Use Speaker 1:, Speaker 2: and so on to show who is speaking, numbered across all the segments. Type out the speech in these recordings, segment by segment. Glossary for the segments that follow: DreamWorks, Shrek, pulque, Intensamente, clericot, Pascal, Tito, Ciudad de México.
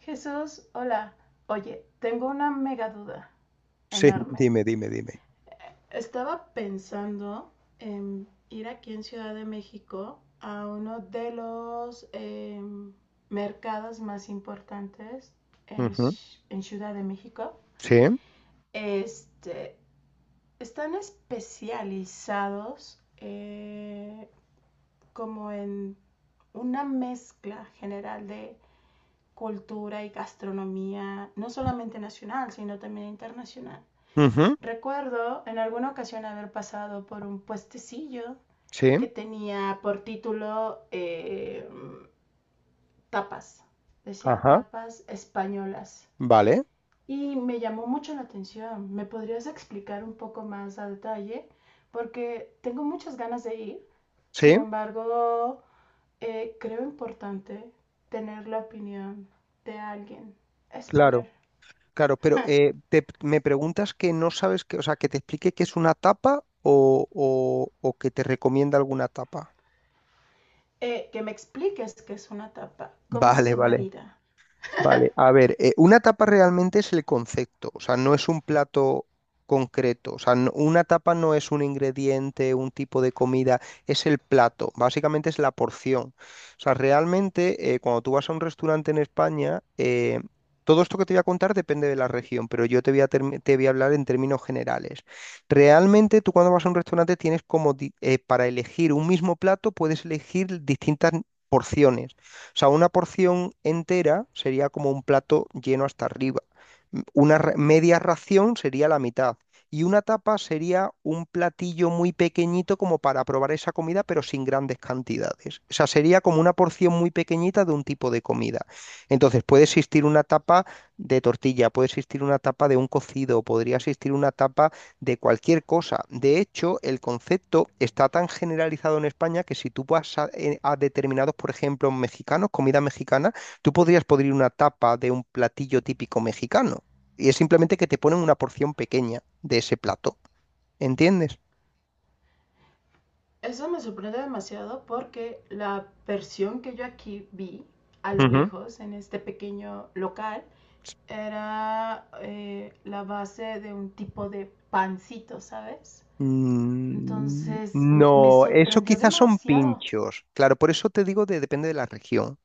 Speaker 1: Jesús, hola. Oye, tengo una mega duda
Speaker 2: Sí,
Speaker 1: enorme.
Speaker 2: dime, dime, dime.
Speaker 1: Estaba pensando en ir aquí en Ciudad de México a uno de los mercados más importantes en,
Speaker 2: Ujú.
Speaker 1: en Ciudad de México.
Speaker 2: Sí,
Speaker 1: Este, están especializados como en una mezcla general de cultura y gastronomía, no solamente nacional, sino también internacional.
Speaker 2: ujú,
Speaker 1: Recuerdo en alguna ocasión haber pasado por un puestecillo
Speaker 2: sí,
Speaker 1: que tenía por título tapas, decía
Speaker 2: ajá,
Speaker 1: tapas españolas.
Speaker 2: vale,
Speaker 1: Y me llamó mucho la atención. ¿Me podrías explicar un poco más a detalle? Porque tengo muchas ganas de ir. Sin
Speaker 2: sí,
Speaker 1: embargo, creo importante tener la opinión de alguien
Speaker 2: claro,
Speaker 1: español.
Speaker 2: claro, pero me preguntas que no sabes que, o sea, que te explique qué es una tapa o que te recomienda alguna tapa.
Speaker 1: Que me expliques qué es una tapa, cómo
Speaker 2: Vale,
Speaker 1: se
Speaker 2: vale.
Speaker 1: marida.
Speaker 2: Vale, a ver, una tapa realmente es el concepto, o sea, no es un plato concreto, o sea, una tapa no es un ingrediente, un tipo de comida, es el plato, básicamente es la porción. O sea, realmente cuando tú vas a un restaurante en España, todo esto que te voy a contar depende de la región, pero yo te voy a hablar en términos generales. Realmente tú cuando vas a un restaurante tienes como, para elegir un mismo plato, puedes elegir distintas porciones. O sea, una porción entera sería como un plato lleno hasta arriba. Una media ración sería la mitad. Y una tapa sería un platillo muy pequeñito como para probar esa comida, pero sin grandes cantidades. O sea, sería como una porción muy pequeñita de un tipo de comida. Entonces, puede existir una tapa de tortilla, puede existir una tapa de un cocido, podría existir una tapa de cualquier cosa. De hecho, el concepto está tan generalizado en España que si tú vas a, a determinados, por ejemplo, mexicanos, comida mexicana, tú podrías pedir una tapa de un platillo típico mexicano. Y es simplemente que te ponen una porción pequeña de ese plato. ¿Entiendes?
Speaker 1: Eso me sorprende demasiado porque la versión que yo aquí vi a lo
Speaker 2: Ujú.
Speaker 1: lejos en este pequeño local era la base de un tipo de pancito, ¿sabes?
Speaker 2: Mm,
Speaker 1: Me
Speaker 2: no, eso
Speaker 1: sorprendió
Speaker 2: quizás son
Speaker 1: demasiado.
Speaker 2: pinchos. Claro, por eso te digo de depende de la región.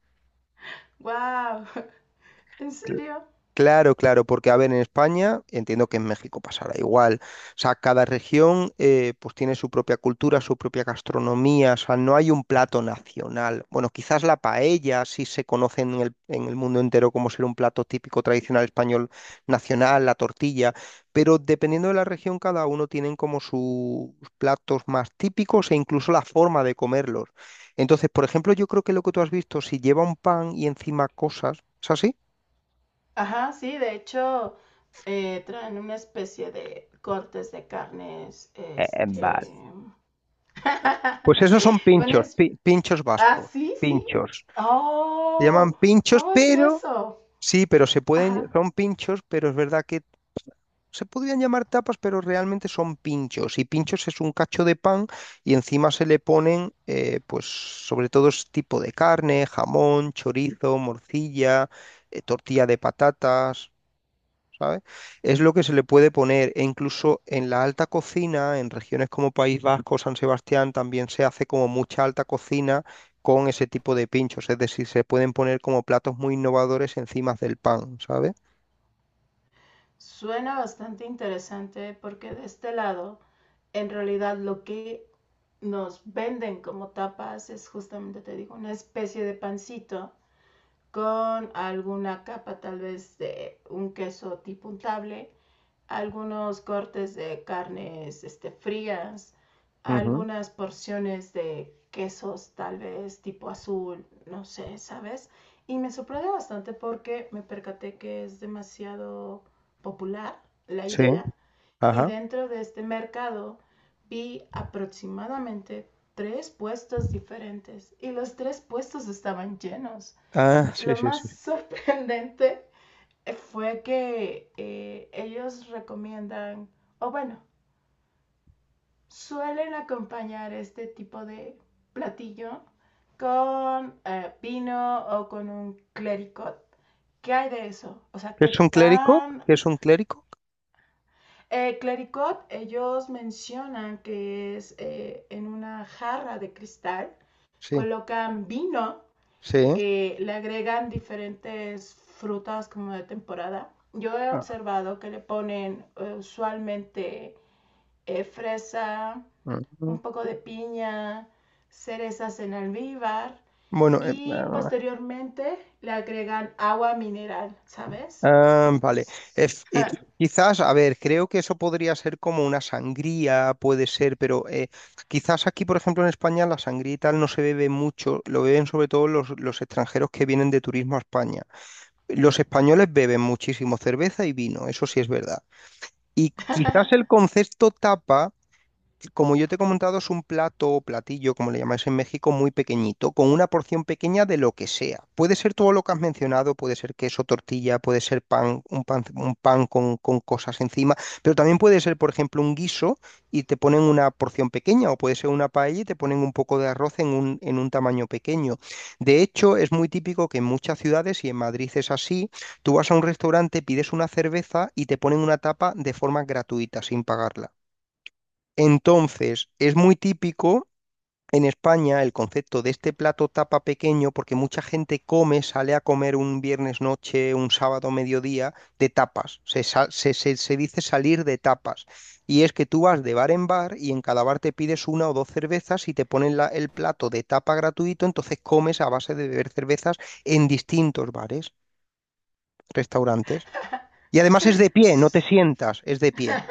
Speaker 1: ¡Wow! ¿En serio?
Speaker 2: Claro, claro, porque a ver, en España, entiendo que en México pasará igual. O sea, cada región pues tiene su propia cultura, su propia gastronomía, o sea, no hay un plato nacional. Bueno, quizás la paella sí se conoce en el mundo entero como ser un plato típico tradicional español nacional, la tortilla, pero dependiendo de la región, cada uno tienen como sus platos más típicos e incluso la forma de comerlos. Entonces, por ejemplo, yo creo que lo que tú has visto, si lleva un pan y encima cosas, ¿es así?
Speaker 1: Ajá, sí, de hecho traen una especie de cortes de carnes,
Speaker 2: Pues esos son
Speaker 1: una
Speaker 2: pinchos,
Speaker 1: es-
Speaker 2: pinchos
Speaker 1: Ah,
Speaker 2: vascos,
Speaker 1: sí, sí.
Speaker 2: pinchos. Se llaman
Speaker 1: Oh,
Speaker 2: pinchos,
Speaker 1: ¿cómo es
Speaker 2: pero
Speaker 1: eso?
Speaker 2: sí, pero se pueden,
Speaker 1: Ajá.
Speaker 2: son pinchos, pero es verdad que se podrían llamar tapas, pero realmente son pinchos. Y pinchos es un cacho de pan y encima se le ponen, pues, sobre todo es tipo de carne, jamón, chorizo, morcilla, tortilla de patatas. ¿Sabes? Es lo que se le puede poner e incluso en la alta cocina, en regiones como País Vasco, San Sebastián, también se hace como mucha alta cocina con ese tipo de pinchos, es decir, se pueden poner como platos muy innovadores encima del pan, ¿sabes?
Speaker 1: Suena bastante interesante porque de este lado, en realidad lo que nos venden como tapas es justamente, te digo, una especie de pancito con alguna capa tal vez de un queso tipo untable, algunos cortes de carnes, frías,
Speaker 2: Ujú.
Speaker 1: algunas porciones de quesos tal vez tipo azul, no sé, ¿sabes? Y me sorprende bastante porque me percaté que es demasiado popular la
Speaker 2: Sí,
Speaker 1: idea. Y
Speaker 2: ajá.
Speaker 1: dentro de este mercado vi aproximadamente tres puestos diferentes y los tres puestos estaban llenos.
Speaker 2: Ah, sí,
Speaker 1: Lo
Speaker 2: sí,
Speaker 1: más
Speaker 2: sí.
Speaker 1: sorprendente fue que ellos recomiendan, o bueno, suelen acompañar este tipo de platillo con vino o con un clericot. ¿Qué hay de eso? O sea,
Speaker 2: ¿Qué
Speaker 1: ¿qué
Speaker 2: es un clérigo?
Speaker 1: tan...
Speaker 2: ¿Qué es un clérigo?
Speaker 1: Clericot, ellos mencionan que es en una jarra de cristal,
Speaker 2: Sí,
Speaker 1: colocan vino,
Speaker 2: sí.
Speaker 1: le agregan diferentes frutas como de temporada. Yo he
Speaker 2: Ah.
Speaker 1: observado que le ponen usualmente fresa,
Speaker 2: Mm.
Speaker 1: un poco de piña, cerezas en almíbar
Speaker 2: Bueno.
Speaker 1: y posteriormente le agregan agua mineral, ¿sabes?
Speaker 2: Ah, vale.
Speaker 1: Entonces,
Speaker 2: Ef- eh, Quizás, a ver, creo que eso podría ser como una sangría, puede ser, pero quizás aquí, por ejemplo, en España, la sangría y tal no se bebe mucho, lo beben sobre todo los extranjeros que vienen de turismo a España. Los españoles beben muchísimo cerveza y vino, eso sí es verdad. Y quizás el concepto tapa como yo te he comentado, es un plato o platillo, como le llamáis en México, muy pequeñito, con una porción pequeña de lo que sea. Puede ser todo lo que has mencionado, puede ser queso, tortilla, puede ser pan, un pan con, cosas encima, pero también puede ser, por ejemplo, un guiso y te ponen una porción pequeña, o puede ser una paella y te ponen un poco de arroz en un tamaño pequeño. De hecho, es muy típico que en muchas ciudades, y en Madrid es así, tú vas a un restaurante, pides una cerveza y te ponen una tapa de forma gratuita, sin pagarla. Entonces, es muy típico en España el concepto de este plato tapa pequeño, porque mucha gente come, sale a comer un viernes noche, un sábado mediodía, de tapas. Se, sa- se- se dice salir de tapas. Y es que tú vas de bar en bar y en cada bar te pides una o dos cervezas y te ponen el plato de tapa gratuito, entonces comes a base de beber cervezas en distintos bares, restaurantes. Y además es de pie, no te sientas, es de pie.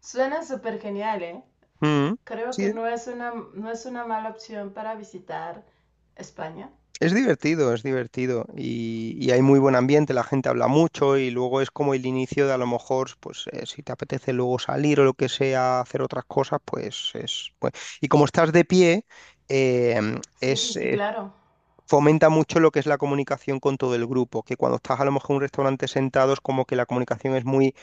Speaker 1: suena súper genial, ¿eh?
Speaker 2: Mm.
Speaker 1: Creo que
Speaker 2: Sí.
Speaker 1: no es una mala opción para visitar España.
Speaker 2: Es divertido y hay muy buen ambiente, la gente habla mucho y luego es como el inicio de a lo mejor, pues si te apetece luego salir o lo que sea, hacer otras cosas, pues es. Y como estás de pie, eh,
Speaker 1: Sí, sí,
Speaker 2: es,
Speaker 1: sí,
Speaker 2: es-
Speaker 1: claro.
Speaker 2: fomenta mucho lo que es la comunicación con todo el grupo, que cuando estás a lo mejor en un restaurante sentado es como que la comunicación es muy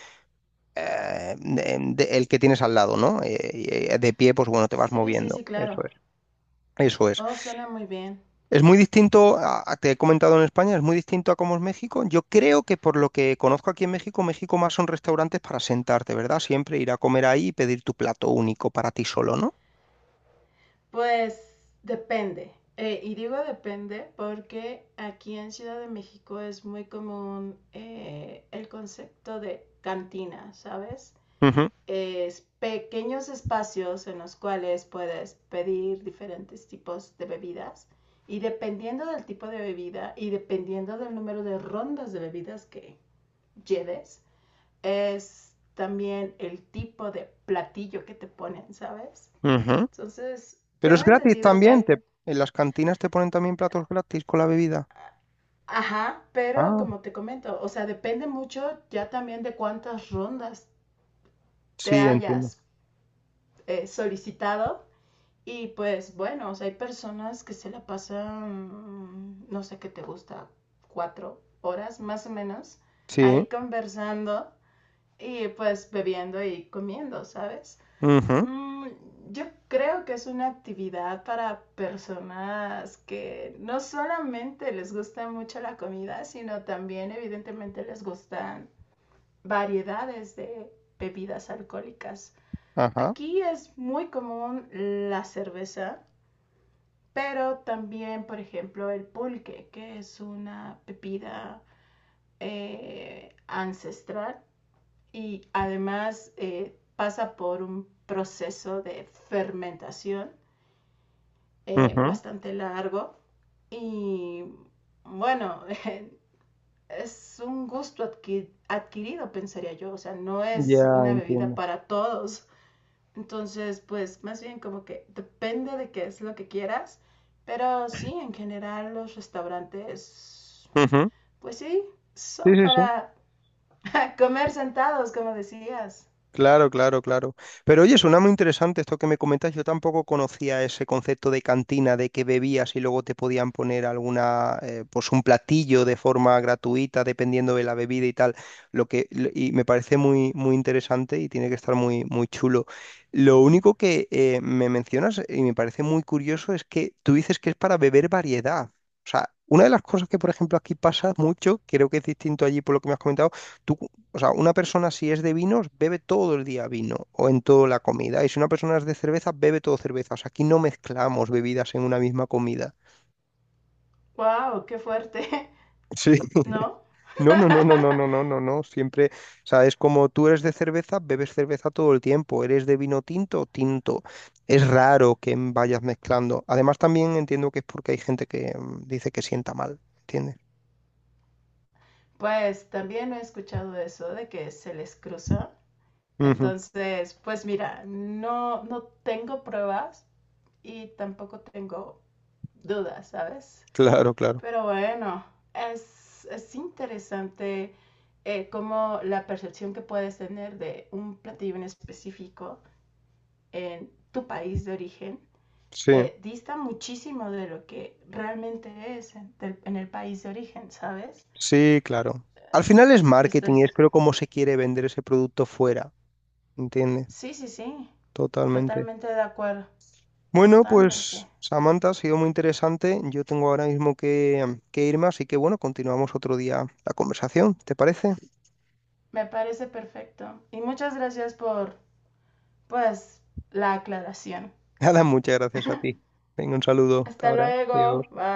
Speaker 2: el que tienes al lado, ¿no? Y, de pie, pues bueno, te vas
Speaker 1: Sí, sí, sí,
Speaker 2: moviendo, eso
Speaker 1: claro.
Speaker 2: es, eso es.
Speaker 1: Oh, suena muy bien.
Speaker 2: Es muy distinto, te he comentado en España, es muy distinto a cómo es México. Yo creo que por lo que conozco aquí en México más son restaurantes para sentarte, ¿verdad? Siempre ir a comer ahí y pedir tu plato único para ti solo, ¿no?
Speaker 1: Pues depende. Y digo depende porque aquí en Ciudad de México es muy común el concepto de cantina, ¿sabes?
Speaker 2: Ujú,
Speaker 1: Es pequeños espacios en los cuales puedes pedir diferentes tipos de bebidas y dependiendo del tipo de bebida y dependiendo del número de rondas de bebidas que lleves, es también el tipo de platillo que te ponen, ¿sabes?
Speaker 2: ujú.
Speaker 1: Entonces,
Speaker 2: Pero es
Speaker 1: tengo
Speaker 2: gratis
Speaker 1: entendido que
Speaker 2: también,
Speaker 1: hay...
Speaker 2: en las cantinas te ponen también platos gratis con la bebida.
Speaker 1: Ajá, pero
Speaker 2: Ah,
Speaker 1: como te comento, o sea, depende mucho ya también de cuántas rondas te
Speaker 2: sí, entiendo.
Speaker 1: hayas solicitado. Y pues bueno, o sea, hay personas que se la pasan, no sé qué te gusta, 4 horas más o menos,
Speaker 2: Sí,
Speaker 1: ahí conversando y pues bebiendo y comiendo, ¿sabes?
Speaker 2: ujú,
Speaker 1: Mm, yo creo que es una actividad para personas que no solamente les gusta mucho la comida, sino también evidentemente les gustan variedades de bebidas alcohólicas.
Speaker 2: ajá,
Speaker 1: Aquí es muy común la cerveza, pero también, por ejemplo, el pulque, que es una bebida ancestral y además pasa por un proceso de fermentación
Speaker 2: ujú,
Speaker 1: bastante largo y bueno, es un gusto adquirido, pensaría yo, o sea, no
Speaker 2: ya
Speaker 1: es una bebida
Speaker 2: entiendo.
Speaker 1: para todos. Entonces, pues más bien como que depende de qué es lo que quieras, pero sí, en general los restaurantes,
Speaker 2: Ujú.
Speaker 1: pues sí,
Speaker 2: Sí,
Speaker 1: son
Speaker 2: sí, sí.
Speaker 1: para comer sentados, como decías.
Speaker 2: Claro, claro, claro. Pero oye, suena muy interesante esto que me comentas. Yo tampoco conocía ese concepto de cantina, de que bebías y luego te podían poner alguna, pues un platillo de forma gratuita, dependiendo de la bebida y tal. Y me parece muy, muy interesante y tiene que estar muy, muy chulo. Lo único que me mencionas y me parece muy curioso es que tú dices que es para beber variedad. O sea, una de las cosas que, por ejemplo, aquí pasa mucho, creo que es distinto allí por lo que me has comentado. O sea, una persona si es de vinos, bebe todo el día vino o en toda la comida. Y si una persona es de cerveza, bebe todo cerveza. O sea, aquí no mezclamos bebidas en una misma comida.
Speaker 1: ¡Wow! ¡Qué fuerte!
Speaker 2: Sí.
Speaker 1: ¿No?
Speaker 2: No, no, no, no, no, no, no, no, no. Siempre, o sea, es como tú eres de cerveza, bebes cerveza todo el tiempo. Eres de vino tinto, tinto. Es raro que vayas mezclando. Además, también entiendo que es porque hay gente que dice que sienta mal, ¿entiendes?
Speaker 1: Pues también he escuchado eso de que se les cruza.
Speaker 2: Ujú.
Speaker 1: Entonces, pues mira, no, no tengo pruebas y tampoco tengo dudas, ¿sabes?
Speaker 2: Claro, claro.
Speaker 1: Pero bueno, es interesante cómo la percepción que puedes tener de un platillo en específico en tu país de origen
Speaker 2: Sí,
Speaker 1: dista muchísimo de lo que realmente es en el país de origen, ¿sabes?
Speaker 2: sí, claro. Al final es marketing
Speaker 1: Estoy...
Speaker 2: y es creo cómo se quiere vender ese producto fuera. Entiende,
Speaker 1: Sí, sí, sí.
Speaker 2: totalmente.
Speaker 1: Totalmente de acuerdo,
Speaker 2: Bueno,
Speaker 1: totalmente.
Speaker 2: pues Samantha, ha sido muy interesante. Yo tengo ahora mismo que irme, así que bueno, continuamos otro día la conversación, ¿te parece?
Speaker 1: Me parece perfecto. Y muchas gracias por, pues, la aclaración.
Speaker 2: Nada, muchas gracias a ti. Venga, un saludo. Hasta
Speaker 1: Hasta
Speaker 2: ahora. Adiós.
Speaker 1: luego, bye.